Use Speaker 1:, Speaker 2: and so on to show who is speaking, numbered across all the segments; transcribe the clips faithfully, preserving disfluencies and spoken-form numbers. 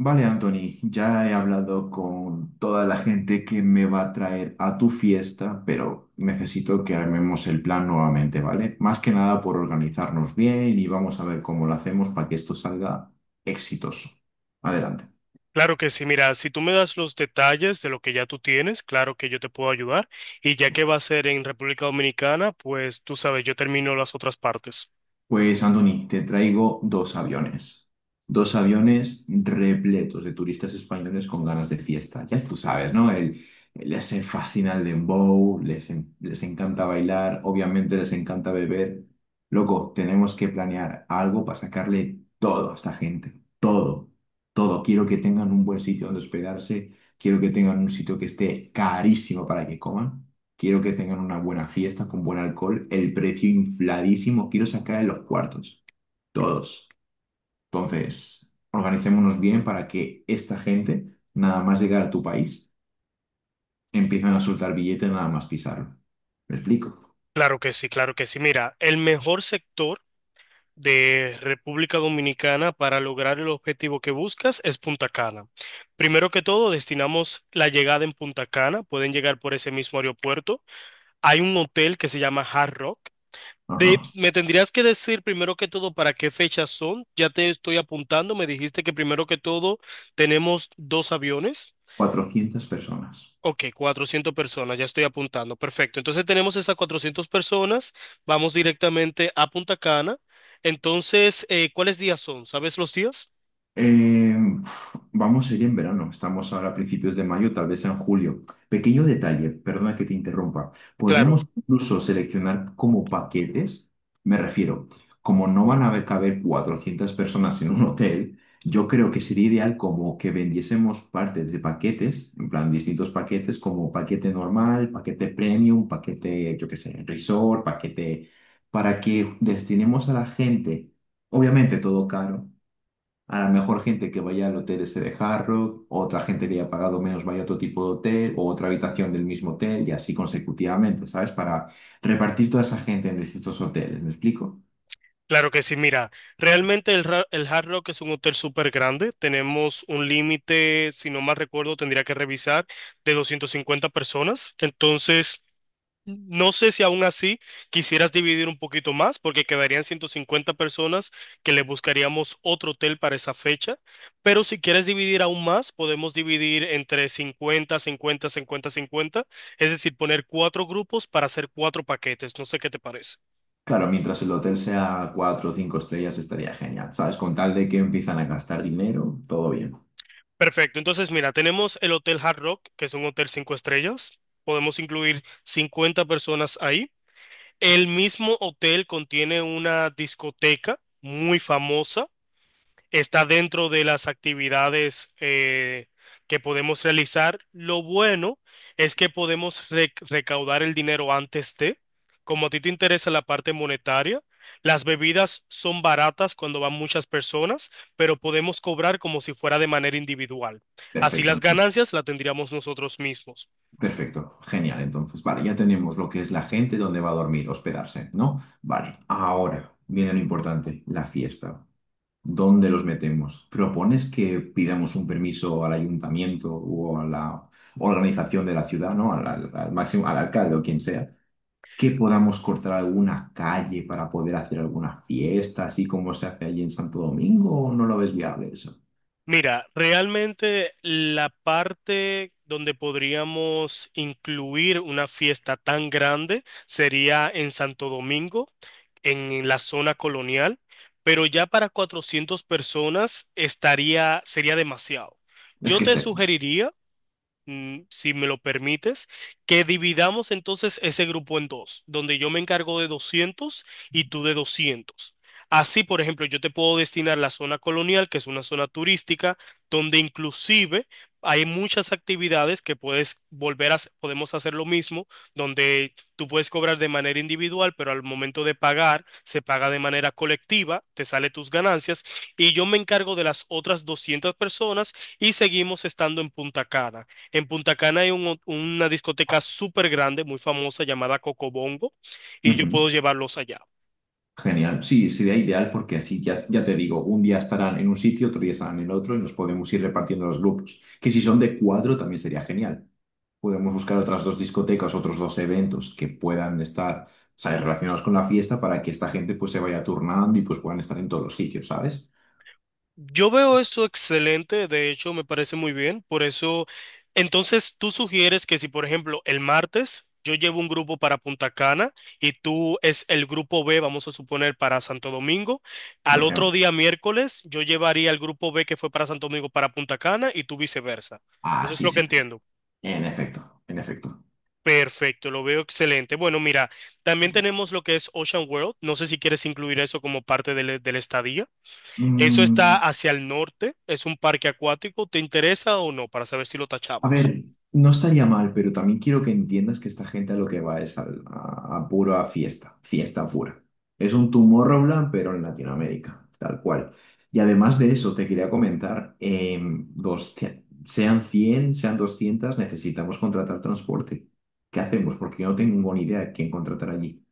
Speaker 1: Vale, Anthony, ya he hablado con toda la gente que me va a traer a tu fiesta, pero necesito que armemos el plan nuevamente, ¿vale? Más que nada por organizarnos bien y vamos a ver cómo lo hacemos para que esto salga exitoso. Adelante.
Speaker 2: Claro que sí, mira, si tú me das los detalles de lo que ya tú tienes, claro que yo te puedo ayudar. Y ya que va a ser en República Dominicana, pues tú sabes, yo termino las otras partes.
Speaker 1: Pues, Anthony, te traigo dos aviones. Dos aviones repletos de turistas españoles con ganas de fiesta. Ya tú sabes, ¿no? El, les fascina el dembow, les, en- les encanta bailar, obviamente les encanta beber. Loco, tenemos que planear algo para sacarle todo a esta gente. Todo, todo. Quiero que tengan un buen sitio donde hospedarse. Quiero que tengan un sitio que esté carísimo para que coman. Quiero que tengan una buena fiesta con buen alcohol, el precio infladísimo, quiero sacar en los cuartos, todos. Entonces, organicémonos bien para que esta gente, nada más llegar a tu país, empiecen a soltar billetes nada más pisarlo. ¿Me explico?
Speaker 2: Claro que sí, claro que sí. Mira, el mejor sector de República Dominicana para lograr el objetivo que buscas es Punta Cana. Primero que todo, destinamos la llegada en Punta Cana. Pueden llegar por ese mismo aeropuerto. Hay un hotel que se llama Hard Rock. De,
Speaker 1: Ajá.
Speaker 2: me tendrías que decir primero que todo para qué fechas son. Ya te estoy apuntando. Me dijiste que primero que todo tenemos dos aviones.
Speaker 1: Cuatrocientas personas.
Speaker 2: Ok, cuatrocientas personas, ya estoy apuntando. Perfecto. Entonces tenemos esas cuatrocientas personas. Vamos directamente a Punta Cana. Entonces, eh, ¿cuáles días son? ¿Sabes los días?
Speaker 1: Eh, Vamos a ir en verano, estamos ahora a principios de mayo, tal vez en julio. Pequeño detalle, perdona que te interrumpa.
Speaker 2: Claro,
Speaker 1: Podríamos incluso seleccionar como paquetes, me refiero, como no van a caber cuatrocientas personas en un hotel, yo creo que sería ideal como que vendiésemos partes de paquetes, en plan distintos paquetes, como paquete normal, paquete premium, paquete, yo qué sé, resort, paquete, para que destinemos a la gente, obviamente todo caro. A lo mejor gente que vaya al hotel ese de Hard Rock, otra gente que haya pagado menos vaya a otro tipo de hotel o otra habitación del mismo hotel y así consecutivamente, ¿sabes? Para repartir toda esa gente en distintos hoteles, ¿me explico?
Speaker 2: claro que sí. Mira, realmente el, Ra- el Hard Rock es un hotel súper grande. Tenemos un límite, si no mal recuerdo, tendría que revisar, de doscientas cincuenta personas. Entonces, no sé si aún así quisieras dividir un poquito más, porque quedarían ciento cincuenta personas que le buscaríamos otro hotel para esa fecha, pero si quieres dividir aún más, podemos dividir entre cincuenta, cincuenta, cincuenta, cincuenta. Es decir, poner cuatro grupos para hacer cuatro paquetes, no sé qué te parece.
Speaker 1: Claro, mientras el hotel sea cuatro o cinco estrellas estaría genial, ¿sabes? Con tal de que empiezan a gastar dinero, todo bien.
Speaker 2: Perfecto, entonces mira, tenemos el Hotel Hard Rock, que es un hotel cinco estrellas, podemos incluir cincuenta personas ahí. El mismo hotel contiene una discoteca muy famosa, está dentro de las actividades eh, que podemos realizar. Lo bueno es que podemos re- recaudar el dinero antes de, como a ti te interesa la parte monetaria, las bebidas son baratas cuando van muchas personas, pero podemos cobrar como si fuera de manera individual. Así las
Speaker 1: Perfecto,
Speaker 2: ganancias las tendríamos nosotros mismos.
Speaker 1: perfecto, genial. Entonces, vale, ya tenemos lo que es la gente, dónde va a dormir, hospedarse, ¿no? Vale, ahora viene lo importante, la fiesta. ¿Dónde los metemos? ¿Propones que pidamos un permiso al ayuntamiento o a la organización de la ciudad, ¿no? Al, al- al máximo, al alcalde o quien sea, que podamos cortar alguna calle para poder hacer alguna fiesta, así como se hace allí en Santo Domingo, o no lo ves viable eso?
Speaker 2: Mira, realmente la parte donde podríamos incluir una fiesta tan grande sería en Santo Domingo, en la zona colonial, pero ya para cuatrocientas personas estaría, sería demasiado.
Speaker 1: Es
Speaker 2: Yo
Speaker 1: que
Speaker 2: te
Speaker 1: sé.
Speaker 2: sugeriría, mm, si me lo permites, que dividamos entonces ese grupo en dos, donde yo me encargo de doscientas y tú de doscientas. Así, por ejemplo, yo te puedo destinar la zona colonial, que es una zona turística, donde inclusive hay muchas actividades que puedes volver a, hac- podemos hacer lo mismo, donde tú puedes cobrar de manera individual, pero al momento de pagar, se paga de manera colectiva, te sale tus ganancias, y yo me encargo de las otras doscientas personas y seguimos estando en Punta Cana. En Punta Cana hay un- una discoteca súper grande, muy famosa, llamada Cocobongo, y yo
Speaker 1: Ujú.
Speaker 2: puedo llevarlos allá.
Speaker 1: Genial. Sí, sería ideal porque así ya, ya te digo, un día estarán en un sitio, otro día estarán en el otro y nos podemos ir repartiendo los grupos. Que si son de cuatro también sería genial. Podemos buscar otras dos discotecas, otros dos eventos que puedan estar, o sea, relacionados con la fiesta para que esta gente pues se vaya turnando y pues puedan estar en todos los sitios, ¿sabes?
Speaker 2: Yo veo eso excelente, de hecho me parece muy bien, por eso, entonces tú sugieres que si, por ejemplo, el martes yo llevo un grupo para Punta Cana y tú es el grupo B, vamos a suponer, para Santo Domingo,
Speaker 1: Por
Speaker 2: al otro
Speaker 1: ejemplo.
Speaker 2: día miércoles yo llevaría el grupo B que fue para Santo Domingo para Punta Cana y tú viceversa.
Speaker 1: Ah,
Speaker 2: Eso es
Speaker 1: sí,
Speaker 2: lo que
Speaker 1: sí.
Speaker 2: entiendo.
Speaker 1: En efecto, en efecto.
Speaker 2: Perfecto, lo veo excelente. Bueno, mira, también tenemos lo que es Ocean World. No sé si quieres incluir eso como parte del, del estadía. Eso está
Speaker 1: Mm,
Speaker 2: hacia el norte, es un parque acuático. ¿Te interesa o no? Para saber si lo
Speaker 1: A
Speaker 2: tachamos.
Speaker 1: ver, no estaría mal, pero también quiero que entiendas que esta gente a lo que va es al- a, a pura fiesta, fiesta pura. Es un Tomorrowland, pero en Latinoamérica, tal cual. Y además de eso, te quería comentar, em, dos- sean cien, sean doscientas, necesitamos contratar transporte. ¿Qué hacemos? Porque yo no tengo ni idea de quién contratar allí.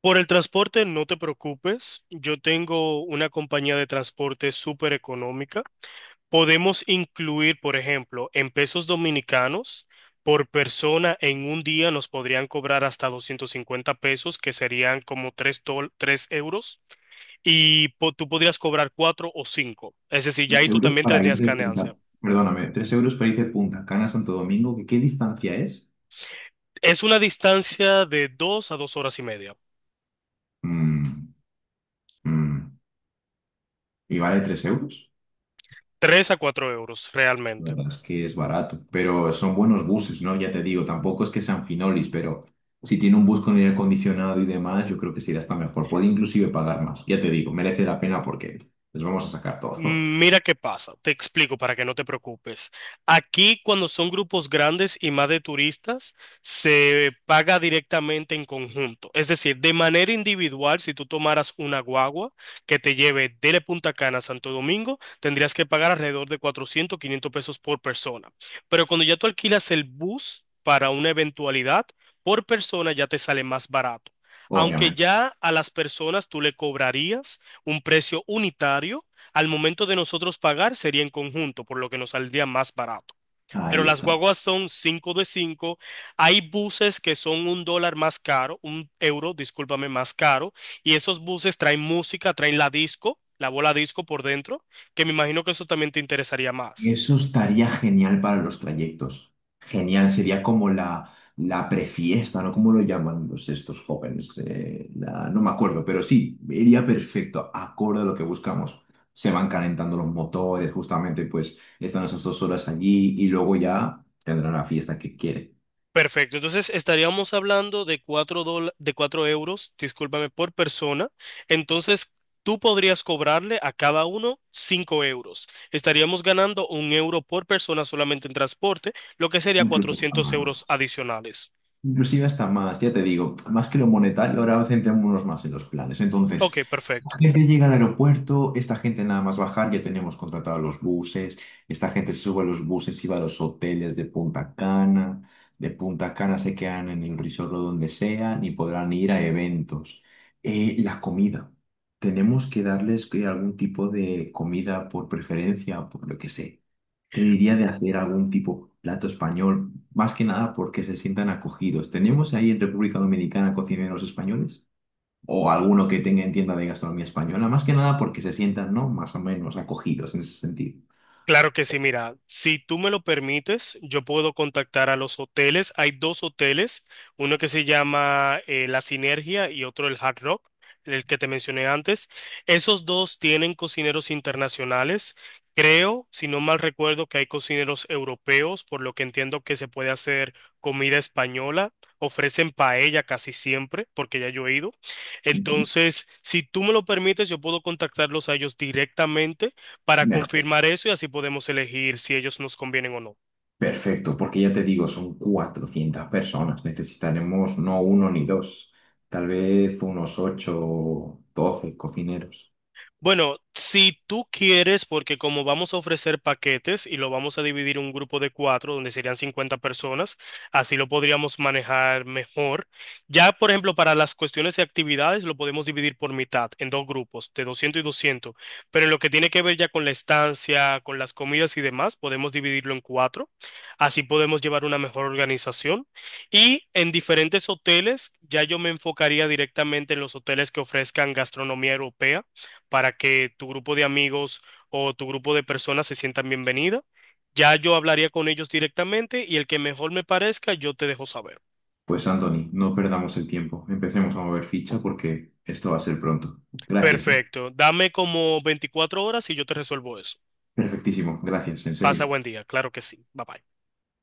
Speaker 2: Por el transporte, no te preocupes. Yo tengo una compañía de transporte súper económica. Podemos incluir, por ejemplo, en pesos dominicanos, por persona en un día nos podrían cobrar hasta doscientos cincuenta pesos, que serían como tres, tres euros. Y po- tú podrías cobrar cuatro o cinco. Es decir, ya
Speaker 1: Tres
Speaker 2: ahí tú
Speaker 1: euros
Speaker 2: también
Speaker 1: para ir
Speaker 2: tendrías
Speaker 1: de Punta,
Speaker 2: ganancia.
Speaker 1: perdóname, tres euros para ir de Punta Cana a Santo Domingo, ¿qué, qué distancia es?
Speaker 2: Es una distancia de dos a dos horas y media,
Speaker 1: Mm, mm, ¿y vale tres euros?
Speaker 2: tres a cuatro euros
Speaker 1: La
Speaker 2: realmente.
Speaker 1: verdad es que es barato, pero son buenos buses, ¿no? Ya te digo, tampoco es que sean finolis, pero si tiene un bus con aire acondicionado y demás, yo creo que sería hasta mejor. Puede inclusive pagar más, ya te digo, merece la pena porque les vamos a sacar todo,
Speaker 2: Mira qué pasa, te explico para que no te preocupes. Aquí cuando son grupos grandes y más de turistas, se paga directamente en conjunto. Es decir, de manera individual, si tú tomaras una guagua que te lleve de Punta Cana a Santo Domingo, tendrías que pagar alrededor de cuatrocientos quinientos pesos por persona. Pero cuando ya tú alquilas el bus para una eventualidad, por persona ya te sale más barato. Aunque
Speaker 1: obviamente.
Speaker 2: ya a las personas tú le cobrarías un precio unitario, al momento de nosotros pagar sería en conjunto, por lo que nos saldría más barato. Pero
Speaker 1: Ahí
Speaker 2: las
Speaker 1: está.
Speaker 2: guaguas son cinco de cinco. Hay buses que son un dólar más caro, un euro, discúlpame, más caro. Y esos buses traen música, traen la disco, la bola disco por dentro, que me imagino que eso también te interesaría más.
Speaker 1: Eso estaría genial para los trayectos. Genial, sería como la, la prefiesta, ¿no? ¿Cómo lo llaman los, estos jóvenes? Eh, la- no me acuerdo, pero sí, iría perfecto, acorde a lo que buscamos. Se van calentando los motores, justamente, pues están esas dos horas allí y luego ya tendrán la fiesta que quieren.
Speaker 2: Perfecto, entonces estaríamos hablando de cuatro dola- de cuatro euros, discúlpame, por persona. Entonces tú podrías cobrarle a cada uno cinco euros. Estaríamos ganando un euro por persona solamente en transporte, lo que sería
Speaker 1: Incluso hasta
Speaker 2: cuatrocientos
Speaker 1: más, ¿no?
Speaker 2: euros adicionales.
Speaker 1: Inclusive hasta más, ya te digo, más que lo monetario, ahora centrémonos más en los planes. Entonces,
Speaker 2: Ok,
Speaker 1: esta
Speaker 2: perfecto.
Speaker 1: gente llega al aeropuerto, esta gente nada más bajar, ya tenemos contratados los buses, esta gente se sube a los buses y va a los hoteles de Punta Cana, de Punta Cana se quedan en el resort o donde sean y podrán ir a eventos. Eh, la comida, tenemos que darles que algún tipo de comida por preferencia, por lo que sé. Te diría de hacer algún tipo de plato español, más que nada porque se sientan acogidos. ¿Tenemos ahí en República Dominicana cocineros españoles? O alguno que tenga en tienda de gastronomía española, más que nada porque se sientan, ¿no? Más o menos acogidos en ese sentido.
Speaker 2: Claro que sí, mira, si tú me lo permites, yo puedo contactar a los hoteles. Hay dos hoteles, uno que se llama eh, La Sinergia y otro el Hard Rock, el que te mencioné antes. Esos dos tienen cocineros internacionales. Creo, si no mal recuerdo, que hay cocineros europeos, por lo que entiendo que se puede hacer comida española. Ofrecen paella casi siempre, porque ya yo he ido.
Speaker 1: Ujú.
Speaker 2: Entonces, si tú me lo permites, yo puedo contactarlos a ellos directamente para
Speaker 1: Mejor.
Speaker 2: confirmar eso y así podemos elegir si ellos nos convienen o no.
Speaker 1: Perfecto, porque ya te digo, son cuatrocientas personas. Necesitaremos no uno ni dos, tal vez unos ocho doce cocineros.
Speaker 2: Bueno, si tú quieres, porque como vamos a ofrecer paquetes y lo vamos a dividir en un grupo de cuatro, donde serían cincuenta personas, así lo podríamos manejar mejor. Ya, por ejemplo, para las cuestiones y actividades, lo podemos dividir por mitad, en dos grupos, de doscientos y doscientos. Pero en lo que tiene que ver ya con la estancia, con las comidas y demás, podemos dividirlo en cuatro. Así podemos llevar una mejor organización. Y en diferentes hoteles, ya yo me enfocaría directamente en los hoteles que ofrezcan gastronomía europea para que tu grupo de amigos o tu grupo de personas se sientan bienvenidos. Ya yo hablaría con ellos directamente y el que mejor me parezca, yo te dejo saber.
Speaker 1: Pues Anthony, no perdamos el tiempo. Empecemos a mover ficha porque esto va a ser pronto. Gracias, ¿eh?
Speaker 2: Perfecto. Dame como veinticuatro horas y yo te resuelvo eso.
Speaker 1: Perfectísimo, gracias, en serio.
Speaker 2: Pasa buen día. Claro que sí. Bye bye.